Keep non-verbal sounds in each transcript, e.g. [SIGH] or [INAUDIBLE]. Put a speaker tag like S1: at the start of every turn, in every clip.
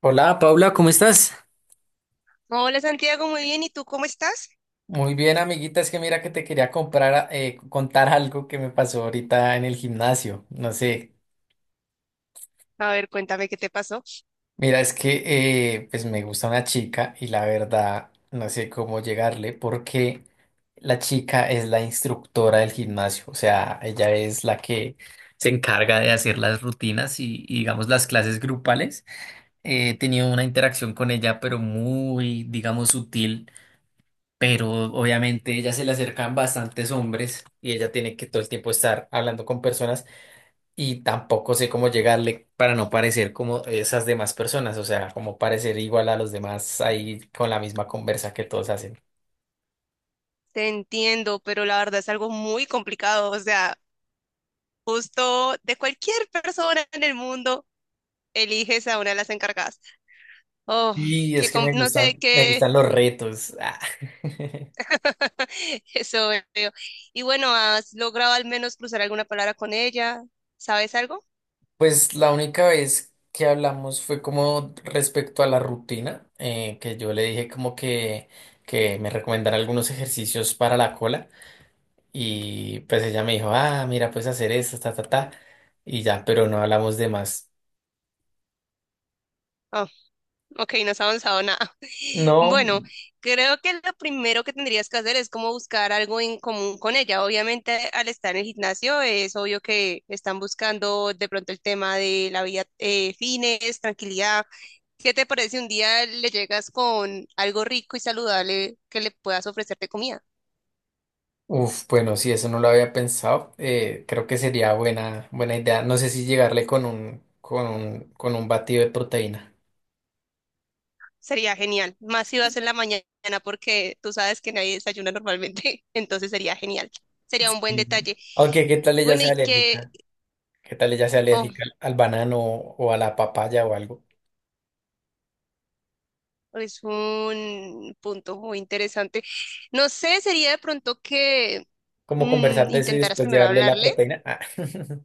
S1: Hola Paula, ¿cómo estás?
S2: Hola Santiago, muy bien. ¿Y tú cómo estás?
S1: Muy bien, amiguita, es que mira que te quería comprar, contar algo que me pasó ahorita en el gimnasio. No sé,
S2: A ver, cuéntame qué te pasó.
S1: mira, es que pues me gusta una chica y la verdad no sé cómo llegarle porque la chica es la instructora del gimnasio, o sea, ella es la que se encarga de hacer las rutinas y digamos las clases grupales. He tenido una interacción con ella, pero muy, digamos, sutil. Pero obviamente ella se le acercan bastantes hombres y ella tiene que todo el tiempo estar hablando con personas y tampoco sé cómo llegarle para no parecer como esas demás personas, o sea, como parecer igual a los demás ahí con la misma conversa que todos hacen.
S2: Te entiendo, pero la verdad es algo muy complicado. O sea, justo de cualquier persona en el mundo, eliges a una de las encargadas. Oh,
S1: Y
S2: que
S1: es que
S2: com-
S1: me
S2: no sé
S1: gustan, me
S2: qué
S1: gustan los retos. Ah. [LAUGHS]
S2: [LAUGHS] eso veo. Y bueno, ¿has logrado al menos cruzar alguna palabra con ella? ¿Sabes algo?
S1: Pues la única vez que hablamos fue como respecto a la rutina, que yo le dije como que me recomendara algunos ejercicios para la cola. Y pues ella me dijo, ah, mira, puedes hacer esto, ta, ta, ta. Y ya, pero no hablamos de más.
S2: Oh. Ok, no has avanzado nada. [LAUGHS]
S1: No,
S2: Bueno, creo que lo primero que tendrías que hacer es como buscar algo en común con ella. Obviamente, al estar en el gimnasio, es obvio que están buscando de pronto el tema de la vida, fines, tranquilidad. ¿Qué te parece si un día le llegas con algo rico y saludable que le puedas ofrecer de comida?
S1: uf, bueno, sí, eso no lo había pensado. Creo que sería buena idea. No sé si llegarle con con un batido de proteína.
S2: Sería genial. Más si vas en la mañana, porque tú sabes que nadie desayuna normalmente, [LAUGHS] entonces sería genial. Sería un buen
S1: Sí.
S2: detalle.
S1: Aunque, ¿qué tal ella
S2: Bueno,
S1: sea
S2: y que,
S1: alérgica? ¿Qué tal ella sea
S2: ojo,
S1: alérgica al banano o a la papaya o algo?
S2: es un punto muy interesante. No sé, sería de pronto que
S1: ¿Como conversar de eso y
S2: intentaras
S1: después
S2: primero
S1: llevarle la
S2: hablarle,
S1: proteína? Ah, [LAUGHS]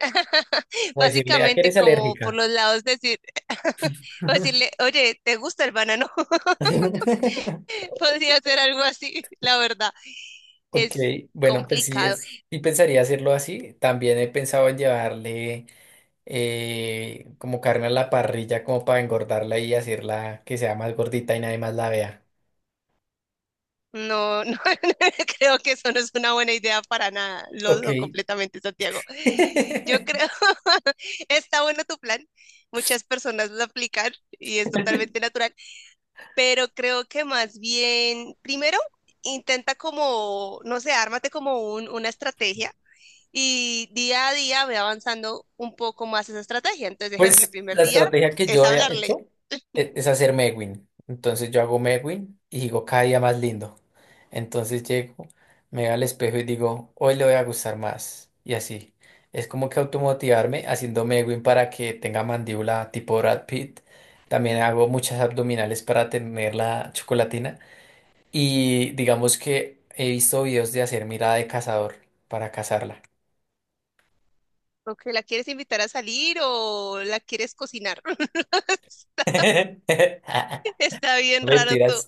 S2: [LAUGHS]
S1: como decirle, ¿a qué
S2: básicamente
S1: eres
S2: como por
S1: alérgica?
S2: los lados decir, [LAUGHS] o decirle, oye, ¿te gusta el banano? [LAUGHS]
S1: [LAUGHS]
S2: Podría ser algo así, la verdad.
S1: Ok,
S2: Es
S1: bueno, pues sí,
S2: complicado.
S1: sí pensaría hacerlo así. También he pensado en llevarle como carne a la parrilla como para engordarla y hacerla que sea más gordita y nadie más la vea.
S2: No, no, [LAUGHS] creo que eso no es una buena idea para nada. Lo
S1: Ok.
S2: dudo completamente, Santiago. Yo
S1: [LAUGHS]
S2: creo, [LAUGHS] está bueno tu plan. Muchas personas lo aplican y es totalmente natural. Pero creo que más bien, primero, intenta como, no sé, ármate como una estrategia y día a día ve avanzando un poco más esa estrategia. Entonces, ejemplo, el
S1: Pues
S2: primer
S1: la
S2: día
S1: estrategia que
S2: es
S1: yo he
S2: hablarle.
S1: hecho es hacer Megwin. Entonces yo hago Megwin y digo cada día más lindo. Entonces llego, me veo al espejo y digo, hoy le voy a gustar más. Y así. Es como que automotivarme haciendo Megwin para que tenga mandíbula tipo Brad Pitt. También hago muchas abdominales para tener la chocolatina. Y digamos que he visto videos de hacer mirada de cazador para cazarla.
S2: O que la quieres invitar a salir o la quieres cocinar. [LAUGHS]
S1: [LAUGHS]
S2: Está bien raro todo.
S1: Mentiras.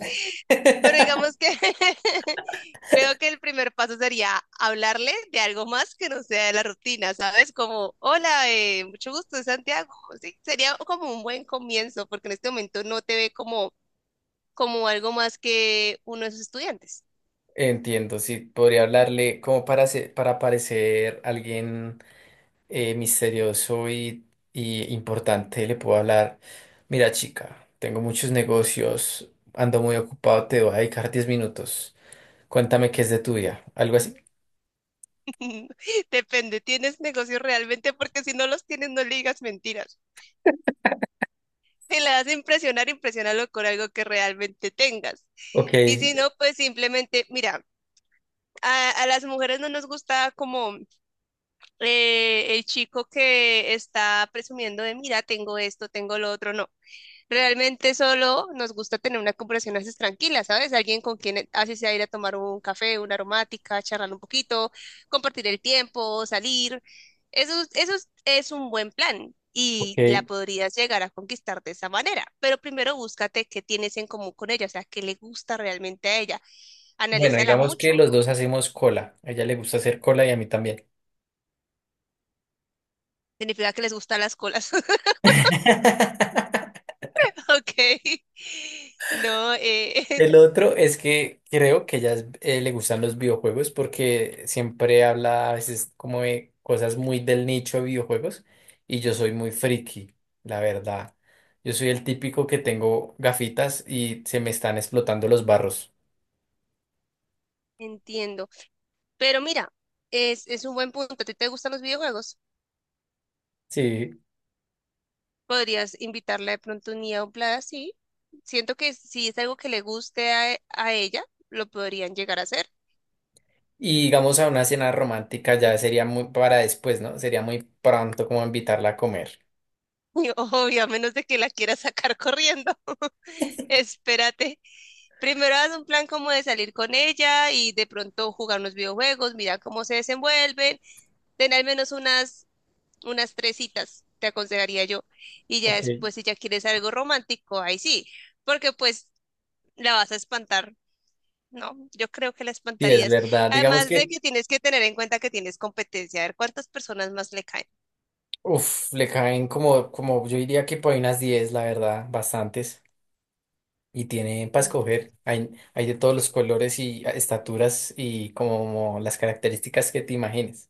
S2: Pero
S1: [LAUGHS]
S2: digamos que [LAUGHS] creo que el primer paso sería hablarle de algo más que no sea de la rutina, ¿sabes? Como, hola, mucho gusto, soy Santiago. Sí, sería como un buen comienzo, porque en este momento no te ve como, como algo más que uno de sus estudiantes.
S1: Entiendo, sí, podría hablarle como para para parecer alguien misterioso y importante, le puedo hablar, mira chica, tengo muchos negocios, ando muy ocupado, te voy a dedicar 10 minutos, cuéntame qué es de tu vida, algo así.
S2: [LAUGHS] Depende, ¿tienes negocios realmente? Porque si no los tienes, no le digas mentiras. Si la das a impresionar, impresiónalo con algo que realmente tengas.
S1: Ok,
S2: Y si no, pues simplemente, mira, a las mujeres no nos gusta como el chico que está presumiendo de, mira, tengo esto, tengo lo otro, no. Realmente solo nos gusta tener una conversación así tranquila, ¿sabes? Alguien con quien así sea ir a tomar un café, una aromática, charlar un poquito, compartir el tiempo, salir. Eso es un buen plan y la
S1: ok.
S2: podrías llegar a conquistar de esa manera. Pero primero búscate qué tienes en común con ella, o sea, qué le gusta realmente a ella.
S1: Bueno,
S2: Analízala
S1: digamos que
S2: mucho.
S1: los dos hacemos cola, a ella le gusta hacer cola y a mí también.
S2: Significa que les gustan las colas. [LAUGHS]
S1: [LAUGHS]
S2: [LAUGHS] Ok. No, [LAUGHS]
S1: El otro es que creo que ya le gustan los videojuegos porque siempre habla a veces como de cosas muy del nicho de videojuegos y yo soy muy friki, la verdad. Yo soy el típico que tengo gafitas y se me están explotando los barros.
S2: entiendo. Pero mira, es un buen punto. ¿A ti te gustan los videojuegos?
S1: Sí.
S2: Podrías invitarla de pronto un día a un plan así. Siento que si es algo que le guste a ella, lo podrían llegar a hacer. [LAUGHS]
S1: Y digamos a una cena romántica ya sería muy para después, ¿no? Sería muy pronto como invitarla a comer.
S2: Y obvio, a menos de que la quiera sacar corriendo. [LAUGHS] Espérate. Primero haz un plan como de salir con ella y de pronto jugar unos videojuegos, mira cómo se desenvuelven, ten al menos unas tres citas, te aconsejaría yo. Y ya
S1: Ok. Sí,
S2: después, si ya quieres algo romántico, ahí sí, porque pues la vas a espantar. No, yo creo que la
S1: es
S2: espantarías.
S1: verdad. Digamos
S2: Además de
S1: que,
S2: que tienes que tener en cuenta que tienes competencia, a ver cuántas personas más le caen.
S1: uff, le caen como, como yo diría que por ahí unas 10, la verdad, bastantes. Y tiene para
S2: Mm.
S1: escoger, hay de todos los colores y ah, estaturas y como las características que te imagines.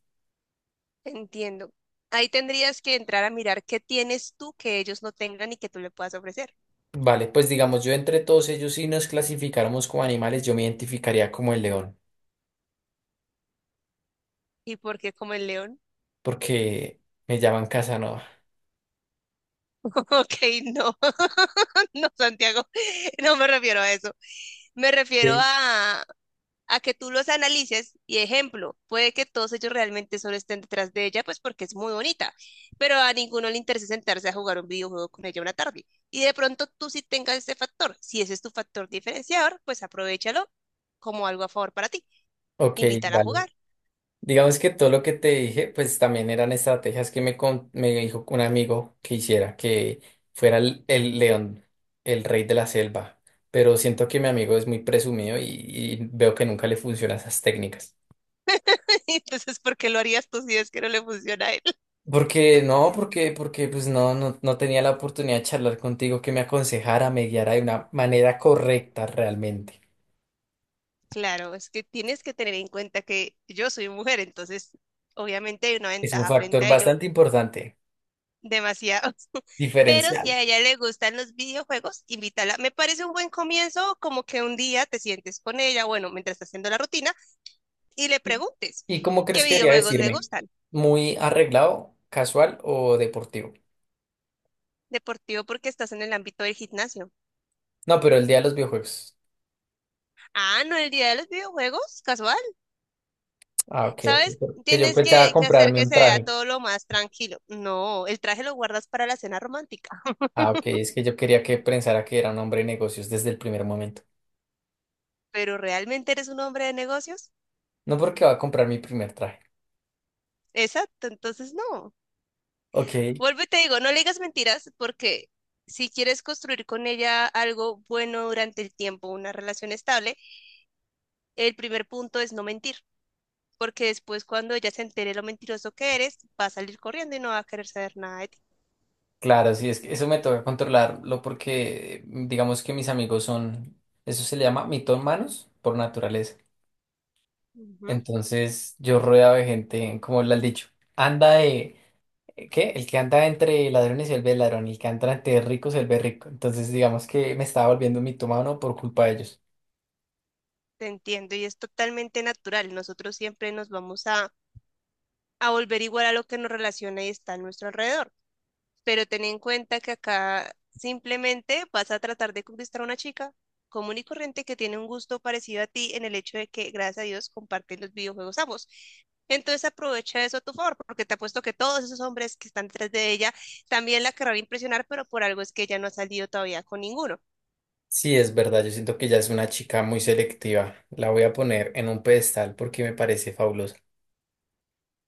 S2: Entiendo. Ahí tendrías que entrar a mirar qué tienes tú que ellos no tengan y que tú le puedas ofrecer.
S1: Vale, pues digamos, yo entre todos ellos, si nos clasificáramos como animales, yo me identificaría como el león,
S2: ¿Y por qué como el león?
S1: porque me llaman Casanova.
S2: [LAUGHS] Ok, no, [LAUGHS] no, Santiago, no me refiero a eso. Me refiero
S1: Ok.
S2: a que tú los analices y ejemplo, puede que todos ellos realmente solo estén detrás de ella, pues porque es muy bonita, pero a ninguno le interesa sentarse a jugar un videojuego con ella una tarde. Y de pronto tú sí tengas ese factor, si ese es tu factor diferenciador, pues aprovechalo como algo a favor para ti.
S1: Ok,
S2: Invítala a
S1: vale.
S2: jugar.
S1: Digamos que todo lo que te dije, pues también eran estrategias que me, me dijo un amigo que hiciera, que fuera el león, el rey de la selva. Pero siento que mi amigo es muy presumido y veo que nunca le funcionan esas técnicas.
S2: [LAUGHS] Entonces, ¿por qué lo harías tú si es que no le funciona a él? [LAUGHS]
S1: Porque pues no, no tenía la oportunidad de charlar contigo que me aconsejara, me guiara de una manera correcta realmente.
S2: Claro, es que tienes que tener en cuenta que yo soy mujer, entonces obviamente hay una
S1: Es un
S2: ventaja frente
S1: factor
S2: a ello
S1: bastante importante,
S2: demasiado. Pero si
S1: diferencial.
S2: a ella le gustan los videojuegos, invítala. Me parece un buen comienzo, como que un día te sientes con ella, bueno, mientras estás haciendo la rutina, y le
S1: ¿Y,
S2: preguntes
S1: y cómo
S2: qué
S1: crees que debería
S2: videojuegos le
S1: decirme?
S2: gustan.
S1: ¿Muy arreglado, casual o deportivo?
S2: Deportivo porque estás en el ámbito del gimnasio.
S1: No, pero el día de los videojuegos.
S2: Ah, no, el día de los videojuegos, casual.
S1: Ah, ok,
S2: ¿Sabes?
S1: ok. Que yo
S2: Tienes
S1: pensaba
S2: que, que hacer
S1: comprarme
S2: que
S1: un
S2: se vea
S1: traje.
S2: todo lo más tranquilo. No, el traje lo guardas para la cena romántica,
S1: Ah, ok, es que yo quería que pensara que era un hombre de negocios desde el primer momento.
S2: pero ¿realmente eres un hombre de negocios?
S1: No porque va a comprar mi primer traje.
S2: Exacto, entonces no.
S1: Ok.
S2: Vuelvo y te digo, no le digas mentiras porque si quieres construir con ella algo bueno durante el tiempo, una relación estable, el primer punto es no mentir, porque después cuando ella se entere lo mentiroso que eres, va a salir corriendo y no va a querer saber nada de ti.
S1: Claro, sí, es que eso me toca controlarlo porque digamos que mis amigos son, eso se le llama mitómanos por naturaleza.
S2: Ujú.
S1: Entonces yo rodeado de gente, como le has dicho, anda de, ¿qué? El que anda entre ladrones se vuelve ladrón, y el que anda entre ricos se vuelve rico. Entonces digamos que me estaba volviendo un mitómano por culpa de ellos.
S2: Te entiendo y es totalmente natural. Nosotros siempre nos vamos a volver igual a lo que nos relaciona y está a nuestro alrededor. Pero ten en cuenta que acá simplemente vas a tratar de conquistar a una chica común y corriente que tiene un gusto parecido a ti en el hecho de que, gracias a Dios, comparten los videojuegos ambos. Entonces aprovecha eso a tu favor, porque te apuesto que todos esos hombres que están detrás de ella también la querrán impresionar, pero por algo es que ella no ha salido todavía con ninguno.
S1: Sí, es verdad, yo siento que ya es una chica muy selectiva. La voy a poner en un pedestal porque me parece fabulosa.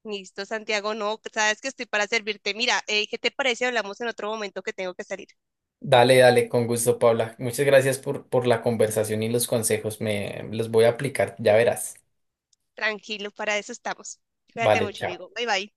S2: Listo, Santiago, no, sabes que estoy para servirte. Mira, ¿qué te parece? Hablamos en otro momento que tengo que salir.
S1: Dale, dale, con gusto, Paula. Muchas gracias por la conversación y los consejos. Me los voy a aplicar, ya verás.
S2: Tranquilo, para eso estamos. Cuídate
S1: Vale,
S2: mucho,
S1: chao.
S2: amigo. Bye bye.